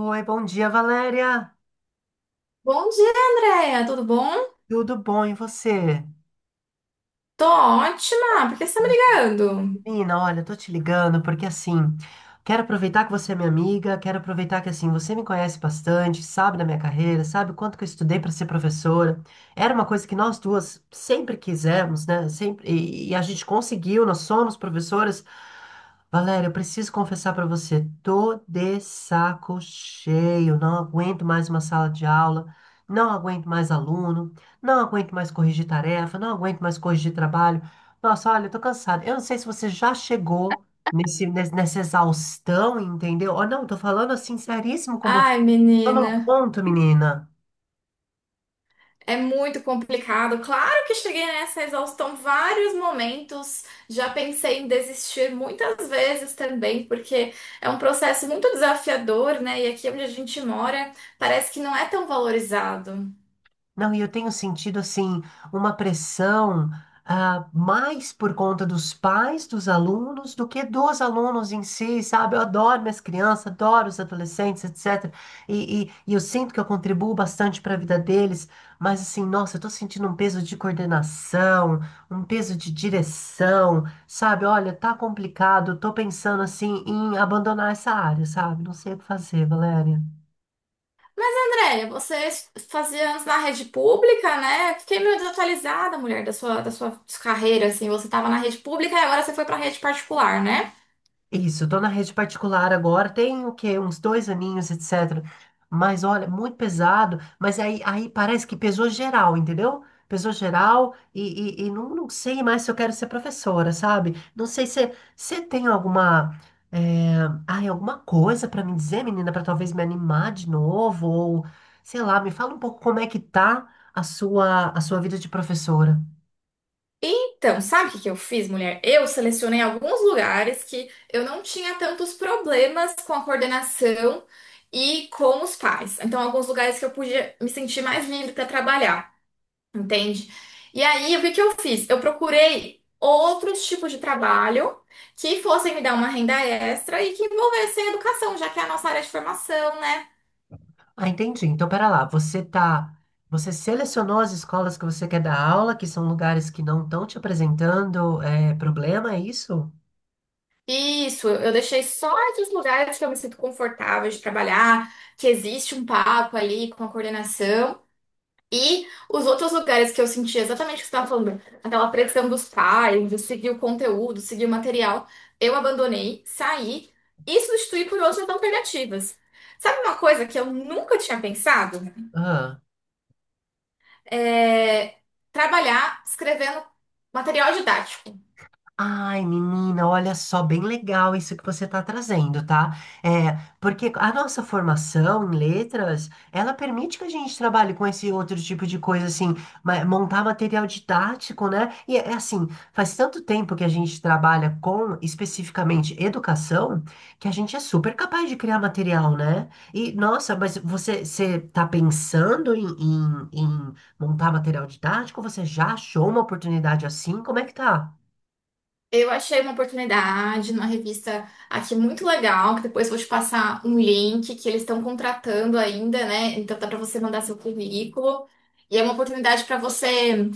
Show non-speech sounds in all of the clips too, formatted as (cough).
Oi, bom dia, Valéria. Bom dia, Andréia. Tudo bom? Tudo bom e você? Tô ótima. Por que você tá me ligando? Menina, olha, eu tô te ligando porque assim, quero aproveitar que você é minha amiga, quero aproveitar que assim, você me conhece bastante, sabe da minha carreira, sabe o quanto que eu estudei para ser professora. Era uma coisa que nós duas sempre quisemos, né? Sempre e a gente conseguiu, nós somos professoras. Valéria, eu preciso confessar para você, tô de saco cheio, não aguento mais uma sala de aula, não aguento mais aluno, não aguento mais corrigir tarefa, não aguento mais corrigir trabalho. Nossa, olha, eu tô cansado. Eu não sei se você já chegou nessa exaustão, entendeu? Ou não, tô falando assim, seríssimo com você. Ai, Tô menina, num ponto, menina. é muito complicado. Claro que cheguei nessa exaustão vários momentos. Já pensei em desistir muitas vezes também, porque é um processo muito desafiador, né? E aqui onde a gente mora, parece que não é tão valorizado. Não, e eu tenho sentido assim uma pressão, ah, mais por conta dos pais dos alunos do que dos alunos em si, sabe? Eu adoro minhas crianças, adoro os adolescentes, etc. E eu sinto que eu contribuo bastante para a vida deles, mas assim, nossa, eu tô sentindo um peso de coordenação, um peso de direção, sabe? Olha, tá complicado, eu tô pensando assim em abandonar essa área, sabe? Não sei o que fazer, Valéria. Andréia, você fazia antes na rede pública, né? Fiquei meio desatualizada, mulher, da sua carreira, assim. Você tava na rede pública e agora você foi pra rede particular, né? Isso, tô na rede particular agora, tem o quê? Uns dois aninhos, etc. Mas olha, muito pesado, mas aí parece que pesou geral, entendeu? Pesou geral e não sei mais se eu quero ser professora, sabe? Não sei se você tem alguma, eh, ai, alguma coisa pra me dizer, menina, pra talvez me animar de novo, ou sei lá, me fala um pouco como é que tá a sua vida de professora. Então, sabe o que que eu fiz, mulher? Eu selecionei alguns lugares que eu não tinha tantos problemas com a coordenação e com os pais. Então, alguns lugares que eu podia me sentir mais livre para trabalhar, entende? E aí, o que que eu fiz? Eu procurei outros tipos de trabalho que fossem me dar uma renda extra e que envolvessem educação, já que é a nossa área de formação, né? Ah, entendi. Então, pera lá, você selecionou as escolas que você quer dar aula, que são lugares que não estão te apresentando, é, problema, é isso? Isso, eu deixei só esses lugares que eu me sinto confortável de trabalhar, que existe um papo ali com a coordenação. E os outros lugares que eu senti exatamente o que você estava falando, aquela pressão dos pais, de seguir o conteúdo, seguir o material, eu abandonei, saí e substituí por outras alternativas. Sabe uma coisa que eu nunca tinha pensado? Ah. É trabalhar escrevendo material didático. Ai, menina, olha só, bem legal isso que você está trazendo, tá? É, porque a nossa formação em letras, ela permite que a gente trabalhe com esse outro tipo de coisa, assim, montar material didático, né? E é assim, faz tanto tempo que a gente trabalha com, especificamente, educação, que a gente é super capaz de criar material, né? E, nossa, mas você tá pensando em montar material didático? Você já achou uma oportunidade assim? Como é que tá? Eu achei uma oportunidade numa revista aqui muito legal, que depois vou te passar um link que eles estão contratando ainda, né? Então dá para você mandar seu currículo. E é uma oportunidade para você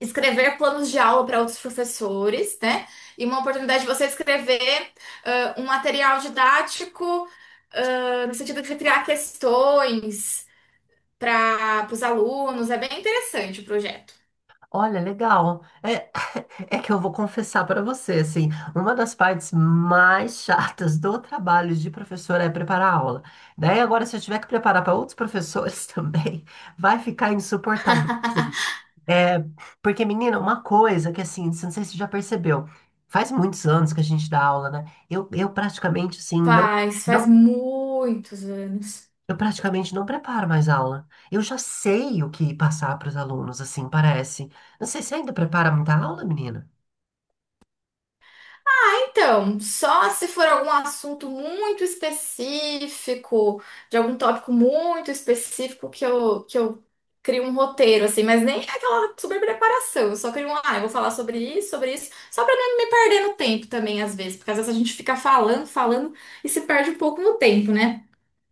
escrever planos de aula para outros professores, né? E uma oportunidade de você escrever um material didático, no sentido de criar questões para os alunos. É bem interessante o projeto. Olha, legal. É, é que eu vou confessar para você, assim, uma das partes mais chatas do trabalho de professora é preparar a aula. Daí agora, se eu tiver que preparar para outros professores (laughs) também, vai ficar insuportável assim. É, porque, menina, uma coisa que, assim, não sei se você já percebeu, faz muitos anos que a gente dá aula, né? Eu praticamente, assim, Faz não, muitos anos. eu praticamente não preparo mais aula. Eu já sei o que passar para os alunos, assim, parece. Não sei se ainda prepara muita aula, menina. Então, só se for algum assunto muito específico, de algum tópico muito específico que eu crio um roteiro, assim, mas nem é aquela super preparação, eu só crio um, ah, eu vou falar sobre isso, só para não me perder no tempo também, às vezes, porque às vezes a gente fica falando, falando e se perde um pouco no tempo, né?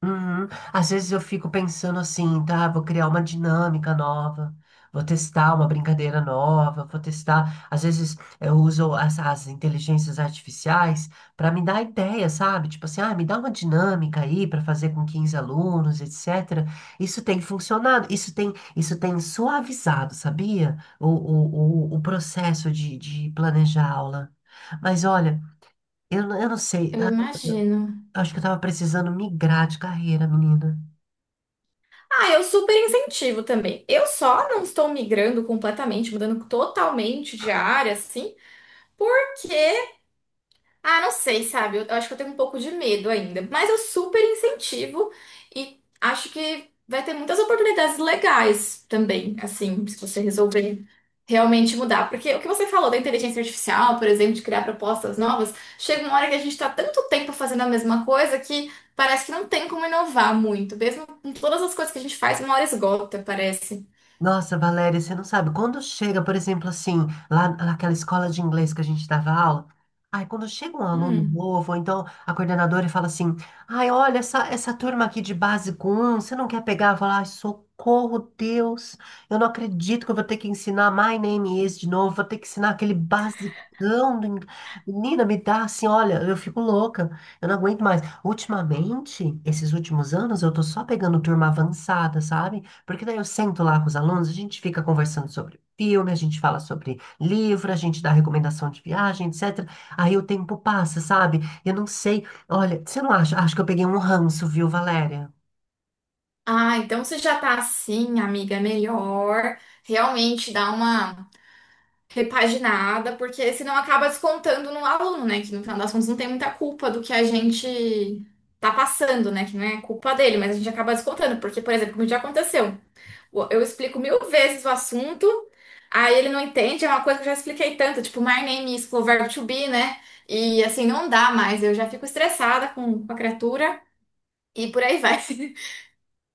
Uhum. Às vezes eu fico pensando assim, tá? Vou criar uma dinâmica nova, vou testar uma brincadeira nova, vou testar. Às vezes eu uso as inteligências artificiais para me dar ideia, sabe? Tipo assim, ah, me dá uma dinâmica aí para fazer com 15 alunos, etc. Isso tem funcionado, isso tem suavizado, sabia? O processo de planejar a aula. Mas olha, eu não sei, Eu ah, imagino. acho que eu tava precisando migrar de carreira, menina. Ah, eu super incentivo também. Eu só não estou migrando completamente, mudando totalmente de área, assim, porque ah, não sei, sabe? Eu acho que eu tenho um pouco de medo ainda. Mas eu super incentivo e acho que vai ter muitas oportunidades legais também, assim, se você resolver realmente mudar. Porque o que você falou da inteligência artificial, por exemplo, de criar propostas novas, chega uma hora que a gente está tanto tempo fazendo a mesma coisa que parece que não tem como inovar muito. Mesmo com todas as coisas que a gente faz, uma hora esgota, parece. Nossa, Valéria, você não sabe. Quando chega, por exemplo, assim, lá naquela escola de inglês que a gente dava aula, ai, quando chega um aluno Hum. novo, ou então a coordenadora fala assim: ai, olha, essa turma aqui de básico 1, você não quer pegar? Eu falo, ai, socorro, Deus, eu não acredito que eu vou ter que ensinar My Name Is de novo, vou ter que ensinar aquele basicão do inglês. Menina, me dá assim, olha, eu fico louca, eu não aguento mais. Ultimamente, esses últimos anos, eu tô só pegando turma avançada, sabe? Porque daí eu sento lá com os alunos, a gente fica conversando sobre filme, a gente fala sobre livro, a gente dá recomendação de viagem, etc. Aí o tempo passa, sabe? Eu não sei. Olha, você não acha? Acho que eu peguei um ranço, viu, Valéria? Ah, então você já tá assim, amiga, é melhor. Realmente dá uma repaginada, porque senão acaba descontando no aluno, né? Que no final das contas não tem muita culpa do que a gente tá passando, né? Que não é culpa dele, mas a gente acaba descontando, porque, por exemplo, como já aconteceu, eu explico mil vezes o assunto, aí ele não entende, é uma coisa que eu já expliquei tanto, tipo, my name is, o verbo to be, né? E assim, não dá mais, eu já fico estressada com a criatura e por aí vai. (laughs)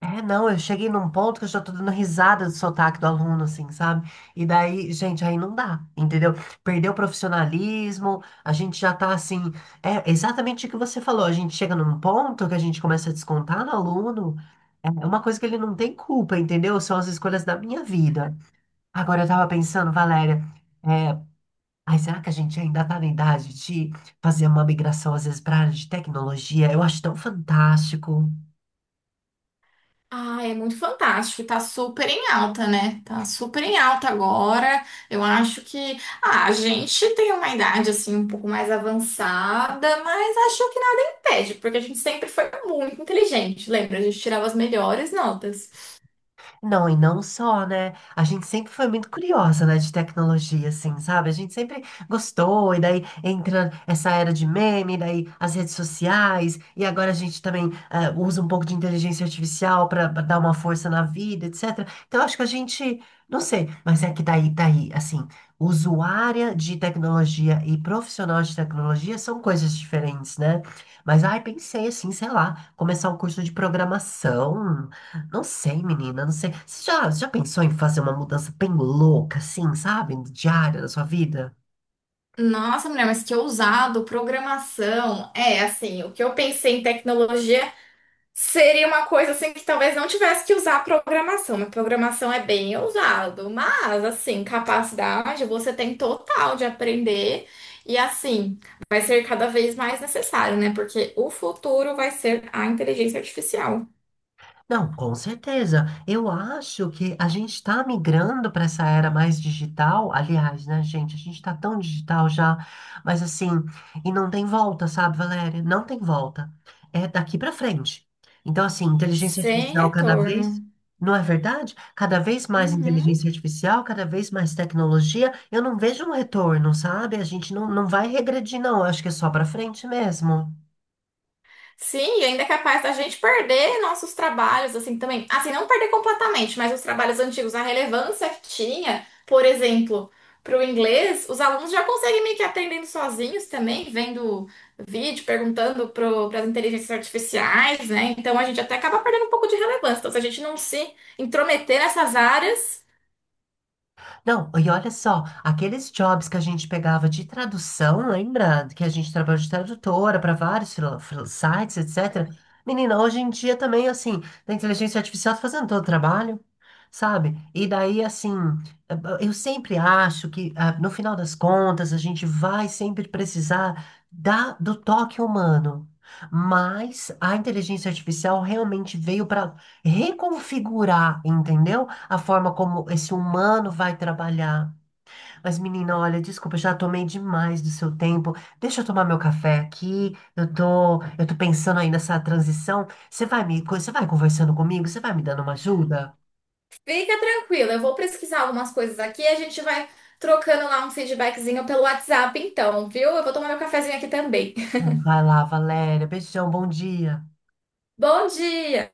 É, não, eu cheguei num ponto que eu já tô dando risada do sotaque do aluno, assim, sabe? E daí, gente, aí não dá, entendeu? Perdeu o profissionalismo, a gente já tá assim. É exatamente o que você falou, a gente chega num ponto que a gente começa a descontar no aluno, é uma coisa que ele não tem culpa, entendeu? São as escolhas da minha vida. Agora, eu tava pensando, Valéria, é, ai, será que a gente ainda tá na idade de fazer uma migração, às vezes, pra área de tecnologia? Eu acho tão fantástico. Ah, é muito fantástico, tá super em alta, né? Tá super em alta agora. Eu acho que a gente tem uma idade assim um pouco mais avançada, mas acho que nada impede, porque a gente sempre foi muito inteligente, lembra? A gente tirava as melhores notas. Não, e não só, né? A gente sempre foi muito curiosa, né, de tecnologia, assim, sabe? A gente sempre gostou, e daí entra essa era de meme, daí as redes sociais, e agora a gente também, eh, usa um pouco de inteligência artificial para dar uma força na vida, etc. Então, acho que a gente, não sei, mas é que daí, assim, usuária de tecnologia e profissional de tecnologia são coisas diferentes, né? Mas, ai, pensei assim, sei lá, começar um curso de programação. Não sei, menina, não sei. Você já pensou em fazer uma mudança bem louca, assim, sabe? Diária da sua vida? Nossa, mulher, mas que ousado, programação. É, assim, o que eu pensei em tecnologia seria uma coisa assim que talvez não tivesse que usar a programação, mas programação é bem usado. Mas, assim, capacidade você tem total de aprender e, assim, vai ser cada vez mais necessário, né? Porque o futuro vai ser a inteligência artificial, Não, com certeza. Eu acho que a gente está migrando para essa era mais digital. Aliás, né, gente? A gente está tão digital já, mas assim, e não tem volta, sabe, Valéria? Não tem volta. É daqui para frente. Então, assim, inteligência sem artificial cada retorno. vez, não é verdade? Cada vez mais Uhum. inteligência artificial, cada vez mais tecnologia. Eu não vejo um retorno, sabe? A gente não vai regredir, não. Eu acho que é só para frente mesmo. Sim, e ainda é capaz da gente perder nossos trabalhos, assim, também. Assim, não perder completamente, mas os trabalhos antigos, a relevância que tinha, por exemplo, para o inglês, os alunos já conseguem meio que aprendendo sozinhos também, vendo vídeo, perguntando para as inteligências artificiais, né? Então a gente até acaba perdendo um pouco de relevância. Então, se a gente não se intrometer nessas áreas, Não, e olha só, aqueles jobs que a gente pegava de tradução, lembra? Que a gente trabalhou de tradutora para vários sites, etc. Menina, hoje em dia também, assim, da inteligência artificial tá fazendo todo o trabalho, sabe? E daí, assim, eu sempre acho que, ah, no final das contas, a gente vai sempre precisar do toque humano. Mas a inteligência artificial realmente veio para reconfigurar, entendeu? A forma como esse humano vai trabalhar. Mas, menina, olha, desculpa, eu já tomei demais do seu tempo. Deixa eu tomar meu café aqui. Eu tô pensando aí nessa transição. Você vai conversando comigo? Você vai me dando uma ajuda? fica tranquila. Eu vou pesquisar algumas coisas aqui e a gente vai trocando lá um feedbackzinho pelo WhatsApp, então, viu? Eu vou tomar meu cafezinho aqui também. Vai lá, Valéria. Beijão, bom dia. Bom dia!